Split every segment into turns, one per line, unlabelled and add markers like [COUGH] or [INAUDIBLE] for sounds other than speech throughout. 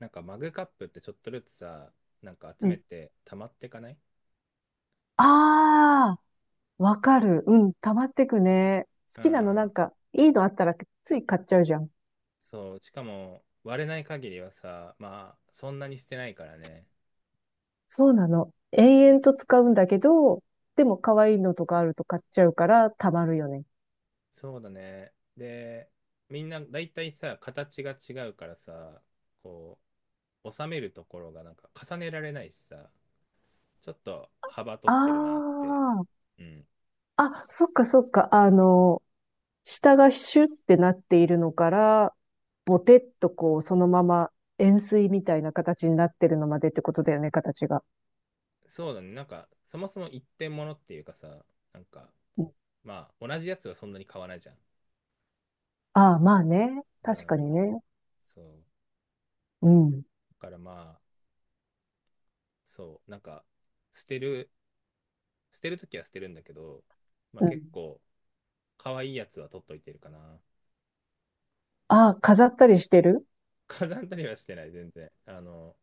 なんかマグカップってちょっとずつさ、なんか集
う
め
ん。
て溜まってかない？
ああ、わかる。うん、溜まってくね。好
う
きなのなん
ん。
か、いいのあったらつい買っちゃうじゃん。
そう、しかも割れない限りはさ、まあそんなに捨てないからね。
そうなの。
う
延
ん、
々と使うんだけど、でも可愛いのとかあると買っちゃうから溜まるよね。
そうだね。で、みんな大体さ、形が違うからさ、こう、収めるところがなんか重ねられないしさ、ちょっと幅取ってるなっ
あ
て。うん。
あ、あ、そっかそっか。あの、下がシュってなっているのから、ボテッとこう、そのまま円錐みたいな形になってるのまでってことだよね、形が。
そうだね。なんか、そもそも一点物っていうかさ、なんか、
うん。
まあ、同じやつはそんなに買わないじゃん。
ああ、まあね。
う
確かに
ん。
ね。
そう。
うん。
からまあ、そう、なんか、捨てる、捨てるときは捨てるんだけど、まあ
う
結
ん。
構、可愛いやつは取っといてるかな。
ああ、飾ったりしてる？
[LAUGHS] 飾ったりはしてない、全然。あの、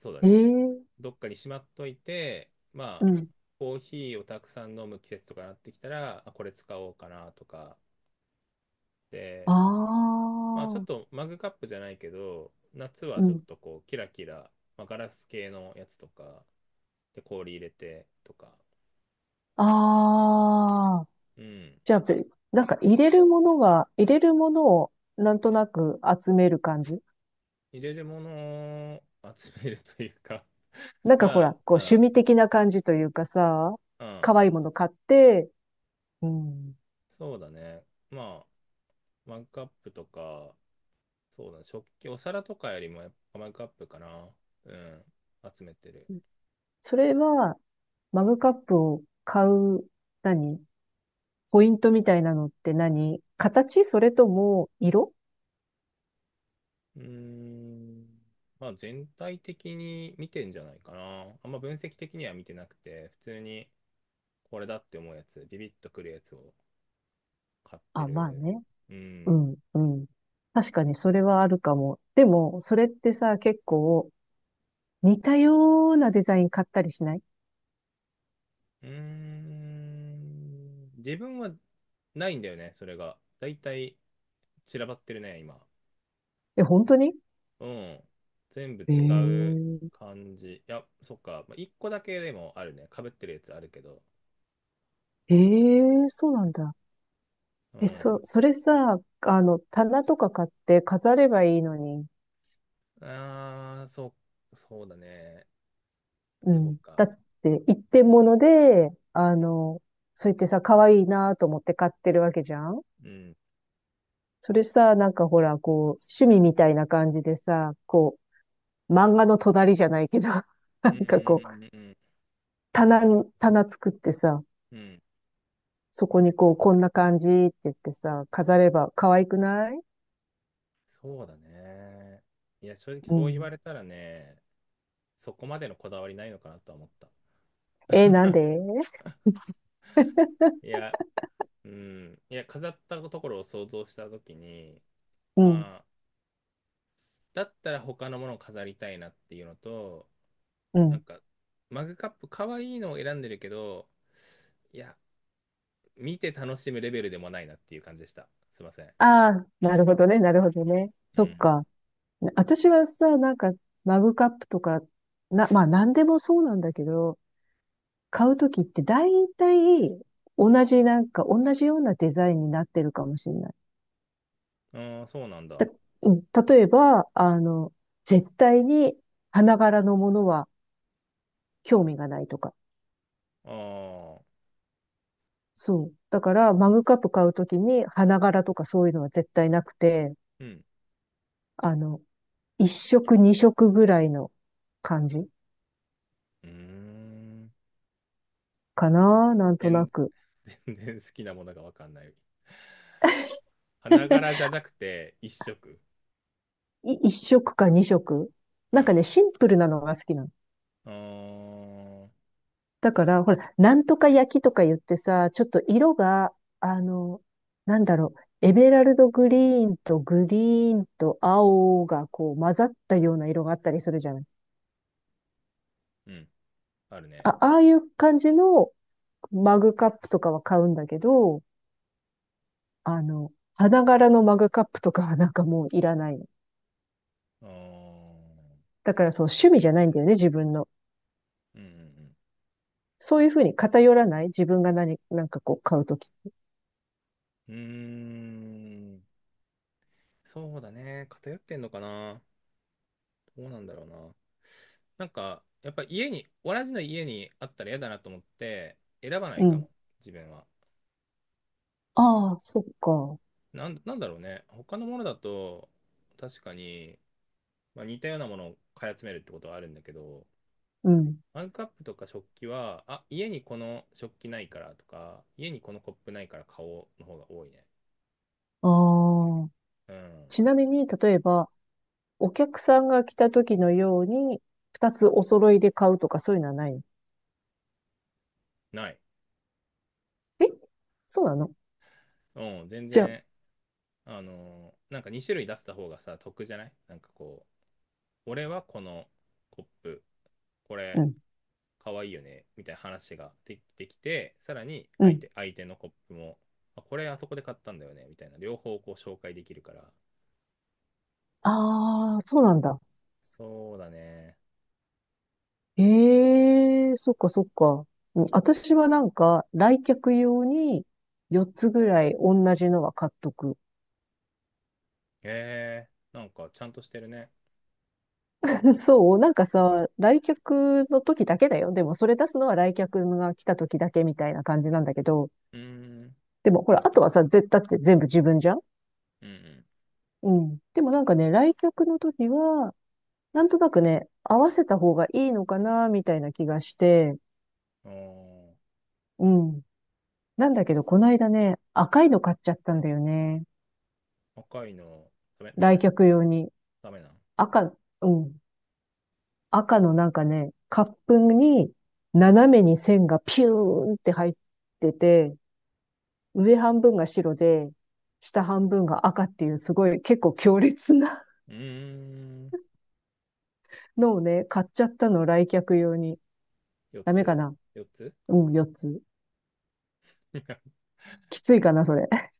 そうだ
え
ね。
え。
どっかにしまっといて、ま
う
あ、
ん。
コーヒーをたくさん飲む季節とかなってきたら、あ、これ使おうかなとか。
あ
で、まあちょっ
あ。
とマグカップじゃないけど、夏は
う
ちょっ
ん。
とこう、キラキラ、まあ、ガラス系のやつとか、で、氷入れてとか。
ああ。
うん。
じゃあ、なんか入れるものをなんとなく集める感じ？
入れるものを集めるというか
な
[LAUGHS]
んかほ
ま
ら、こう趣
あ、
味的な感じというかさ、
うん、うん、
可愛いもの買って、うん。
そうだね。まあ、マグカップとか、そうだね、食器、お皿とかよりもやっぱマグカップかな。うん、集めてる。
それは、マグカップを買う、何ポイントみたいなのって何？形？それとも色？
うーん、まあ全体的に見てんじゃないかな。あんま分析的には見てなくて、普通にこれだって思うやつ、ビビッとくるやつを買って
あ、まあ
る。
ね。
う
う
ん。
ん、うん。確かにそれはあるかも。でも、それってさ、結構似たようなデザイン買ったりしない？
うーん。自分はないんだよね、それが。だいたい散らばってるね、今。
え、本当に？
うん。全部
え
違う
え。
感じ。いや、そっか。まあ、一個だけでもあるね。被ってるやつあるけど。
ええ、そうなんだ。
う
え、
ん。
それさ、あの、棚とか買って飾ればいいのに。
ああ、そう、そうだね。
う
そう
ん。だ
か。
って、一点物で、あの、そう言ってさ、可愛いなと思って買ってるわけじゃん。
うん。
それさ、なんかほら、こう、趣味みたいな感じでさ、こう、漫画の隣じゃないけど、[LAUGHS] な
うんう
んかこう、
んうん
棚作ってさ、
うんうん。
そこにこう、こんな感じって言ってさ、飾れば可愛くない？
そうだね。いや、正直
う
そう言わ
ん。
れたらね、そこまでのこだわりないのかなとは思った。
えー、なんで？
いや、うん。いや、飾ったところを想像したときに、
うん、
まあ、だったら他のものを飾りたいなっていうのと、
う
なん
ん。
か、マグカップ、可愛いのを選んでるけど、いや、見て楽しむレベルでもないなっていう感じでした。すいません。
ああ、なるほどね、なるほどね。
う
そっ
ん。
か。私はさ、なんか、マグカップとか、まあ、なんでもそうなんだけど、買うときって大体、同じようなデザインになってるかもしれない。
ああ、そうなんだ。あ
たうん、例えば、あの、絶対に花柄のものは興味がないとか。
あ、
そう。だから、マグカップ買うときに、花柄とかそういうのは絶対なくて、
うん。
あの、一色二色ぐらいの感じ
うーん。
かな、なんとな
全
く。
全然好きなものがわかんない。花柄じゃ
[LAUGHS]
なくて、一色。
一色か二色。
う
なんかね、
ん。
シンプルなのが好きなの。
ああ、
だから、ほら、なんとか焼きとか言ってさ、ちょっと色が、あの、なんだろう、エメラルドグリーンとグリーンと青がこう混ざったような色があったりするじゃない。
うん。あるね。
あ、ああいう感じのマグカップとかは買うんだけど、あの、花柄のマグカップとかはなんかもういらないの。
ああ。
だからそう、趣味じゃないんだよね、自分の。
うん
そういうふうに偏らない自分がなんかこう買うとき。
うんうん。うーん。そうだね。偏ってんのかな。どうなんだろうな。なんか、やっぱ家に、同じの家にあったら嫌だなと思って、選ばない
う
か
ん。
も、自分は。
ああ、そっか。
なんだろうね。他のものだと、確かに、まあ、似たようなものを買い集めるってことはあるんだけど、
うん。
マグカップとか食器は、あ、家にこの食器ないからとか、家にこのコップないから買おうの方が多いね。
ああ。
うん。
ちなみに、例えば、お客さんが来たときのように、二つお揃いで買うとかそういうのはないの？
ない。
え、そうなの？
うん、全
じゃあ、
然、なんか2種類出せた方がさ得じゃない？なんかこう、俺はこのコップこ
う
れ
ん、
かわいいよねみたいな話ができてきて、さらに
う
相
ん。
手相手のコップも、あ、これあそこで買ったんだよねみたいな、両方こう紹介できるから。
ああ、そうなんだ。
そうだね。
ええ、そっかそっか。うん、私はなんか、来客用に4つぐらい同じのは買っとく。
えー、なんかちゃんとしてるね。
[LAUGHS] そう、なんかさ、来客の時だけだよ。でもそれ出すのは来客が来た時だけみたいな感じなんだけど、
うーん、
でもほら、あとはさ、絶対って全部自分じゃん。
うん
うん。でもなんかね、来客の時は、なんとなくね、合わせた方がいいのかな、みたいな気がして、
うん。あ
うん。なんだけど、この間ね、赤いの買っちゃったんだよね。
ー、赤いの？ダメダ
来
メ。
客用に。
ダメなん？
赤、うん。赤のなんかね、カップに斜めに線がピューンって入ってて、上半分が白で、下半分が赤っていうすごい結構強烈な
うーん。
[LAUGHS] のをね、買っちゃったの、来客用に。
4
ダメか
つ
な？
4つ？
うん、4つ。
[LAUGHS]
きついかな、それ。[LAUGHS]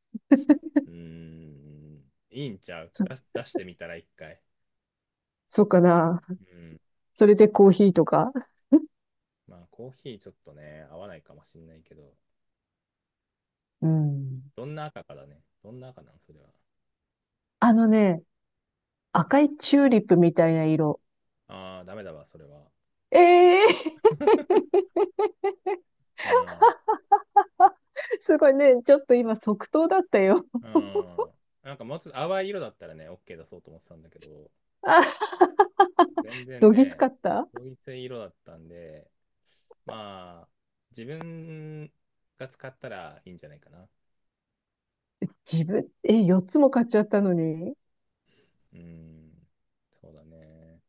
うーん、いいんちゃう？
そ、
出し、出してみたら一回。
そうかな。
うん。
それでコーヒーとか。
まあ、コーヒーちょっとね、合わないかもしんないけど、
うん。
どんな赤かだね。どんな赤なんそれは。
あのね、赤いチューリップみたいな色。
ああ、ダメだわ、それは。
ええー。
うん。
[LAUGHS] すごいね、ちょっと今即答だったよ。
うん。なんかもうちょっと淡い色だったらね、OK 出そうと思ってたんだけど、
あ、
全然
どぎつ
ね、
かった？
統一色だったんで、まあ、自分が使ったらいいんじゃないかな。
自分、え、4つも買っちゃったのに？
うん。そうだね。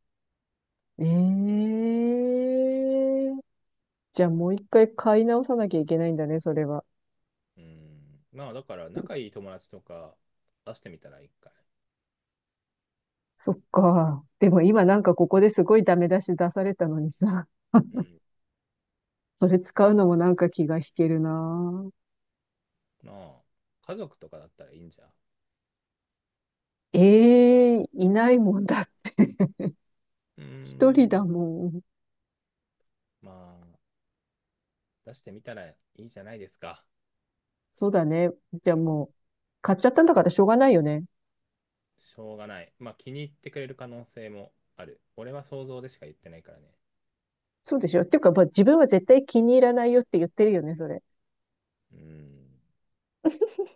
ええー。じゃあもう一回買い直さなきゃいけないんだね、それは。
うん。まあ、だから、仲いい友達とか出してみたら一回。
そっか。で
うん。
も今なんかここですごいダメ出し出されたのにさ、
うん、
[LAUGHS] それ使うのもなんか気が引けるな。
まあ、家族とかだったらいいんじゃん。
ええ、いないもんだ。
うー
一人だ
ん。
もん。
まあ、出してみたらいいじゃないですか。
そうだね。じゃあもう、買っちゃったんだからしょうがないよね。
しょうがない。まあ、気に入ってくれる可能性もある。俺は想像でしか言ってないからね。
そうでしょ。っていうか、まあ、自分は絶対気に入らないよって言ってるよね、それ。
うん。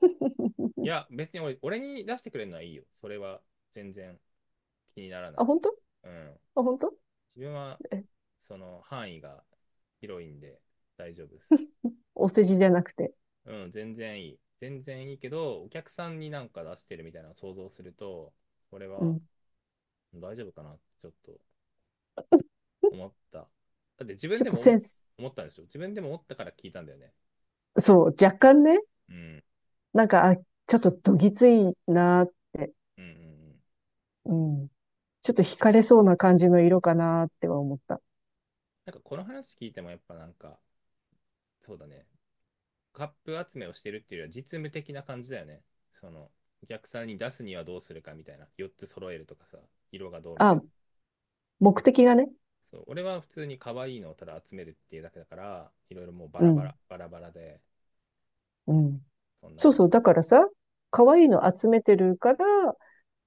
[LAUGHS]
いや、別に俺、俺に出してくれるのはいいよ。それは全然気にならな
あ、
い。
本当？
うん。
あ、本当？
自分は、
え、
その範囲が広いんで大丈夫です。
お世辞じゃなくて。
うん、全然いい。全然いいけど、お客さんになんか出してるみたいなのを想像すると、これ
う
は
ん。
大丈夫かなってちょっと思った。だって自分
ちょっ
で
と
も
セ
思、
ンス、
思ったんでしょ？自分でも思ったから聞いたんだよね。
そう、若干ね、
うん。
なんか、あ、ちょっとどぎついな、
うんうんうん。
うん。ちょっと惹かれそうな感じの色かなっては思った。
なんかこの話聞いてもやっぱなんか、そうだね、カップ集めをしてるっていうよりは実務的な感じだよね。その、お客さんに出すにはどうするかみたいな。4つ揃えるとかさ、色がどうみたい
あ、
な。
目的がね。
そう、俺は普通に可愛いのをただ集めるっていうだけだから、いろいろもうバ
う
ラバラ、
ん、
バラバラで、
うん。
そんな
そう
感
そう、だ
じ。
からさ、可愛いの集めてるから、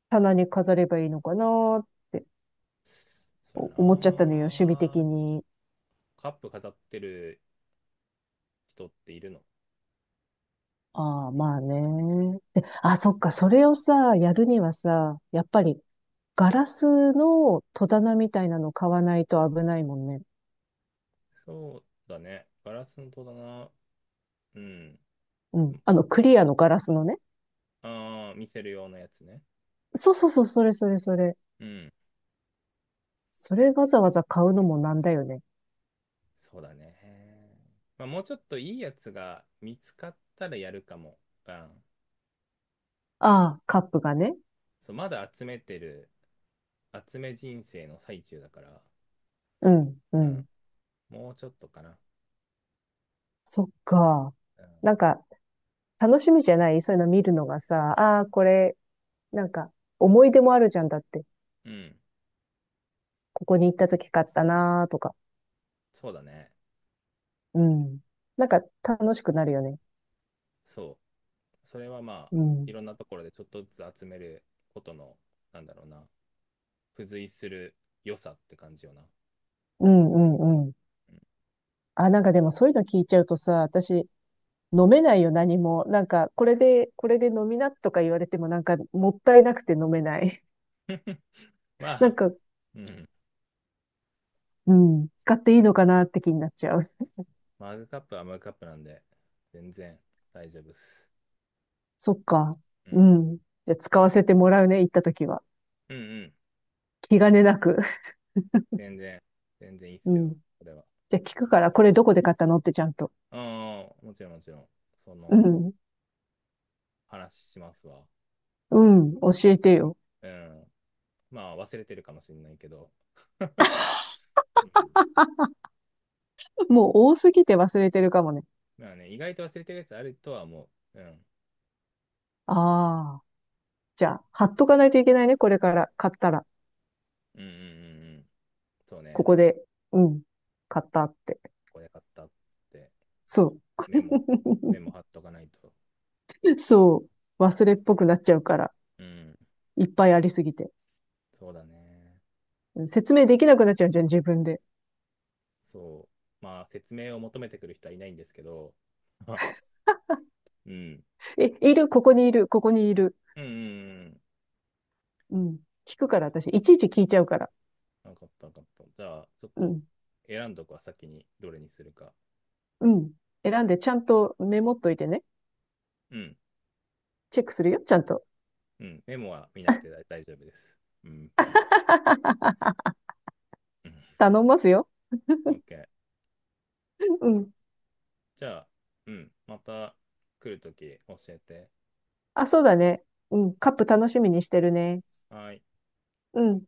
棚に飾ればいいのかなって
そうや
思っちゃったのよ、
な。
趣味的に。
カップ飾ってる人っているの？
ああ、まあね。で、あ、そっか、それをさ、やるにはさ、やっぱり、ガラスの戸棚みたいなの買わないと危ないもんね。
そうだね。ガラスの戸だな。うん。
うん。あの、クリアのガラスのね。
ああ、見せる用のやつね。
そうそうそう、それそれそれ。
うん。
それわざわざ買うのもなんだよね。
そうだね。まあ、もうちょっといいやつが見つかったらやるかも。うん。
ああ、カップがね。
そう、まだ集めてる、集め人生の最中だから。
うん、う
うん。
ん。
もうちょっとかな。
そっか。
うん。
なんか、楽しみじゃない？そういうの見るのがさ、ああ、これ、なんか、思い出もあるじゃんだって。
うん。
ここに行った時買ったなーとか。
そうだね。
うん。なんか、楽しくなるよね。
そう。それはまあ、
う
い
ん。
ろんなところでちょっとずつ集めることの、なんだろうな、付随する良さって感じよな。
うん、うん、うん。
うん、
あ、なんかでもそういうの聞いちゃうとさ、私、飲めないよ、何も。なんか、これで、これで飲みなとか言われても、なんか、もったいなくて飲めない。
ま
[LAUGHS] なん
あ、
か、
うん。
うん、使っていいのかなって気になっちゃう。[LAUGHS]
マグカップはマグカップなんで、全然大丈夫っす。
そっか。
う
う
ん。
ん。じゃあ、使わせてもらうね、行った時は。
うんうん。
気兼ねなく。[LAUGHS]
全然、全然いいっ
う
す
ん。
よ、これは。
じゃあ、聞くから、これどこで買ったのってちゃんと。
うん、もちろんもちろん。そ
う
の、
ん。
話しますわ。
うん、教えてよ。
うん。まあ、忘れてるかもしれないけど。[LAUGHS] うん。
[LAUGHS] もう多すぎて忘れてるかもね。
まあね、意外と忘れてるやつあるとは思う。うん。
ああ。じゃあ、貼っとかないといけないね、これから。買ったら。
うんうんうんうん。そう
こ
ね。
こで。うん。買ったって。
これ買ったって、
そう。
メモ、メモ
[LAUGHS]
貼っとかないと。
そう。忘れっぽくなっちゃうから。
うん。
いっぱいありすぎて。
そうだね。
うん、説明できなくなっちゃうじゃん、自分で。
そう。まあ、説明を求めてくる人はいないんですけど、あ、うん。
え、いる、ここにいる、ここにいる。
うんうんうん。
うん。聞くから、私。いちいち聞いちゃうから。
分かった分かった。じゃあ、ちょっ
う
と
ん。
選んどくは先にどれにするか。
うん。選んで、ちゃんとメモっといてね。
うん。
チェックするよ、ちゃんと。
うん。メモは見なくて大丈夫です。うん。
[LAUGHS]
うん。
頼んますよ。
OK。
うん。
じゃあ、うん。また来るとき教えて。
あ、そうだね。うん。カップ楽しみにしてるね。
はーい。
うん。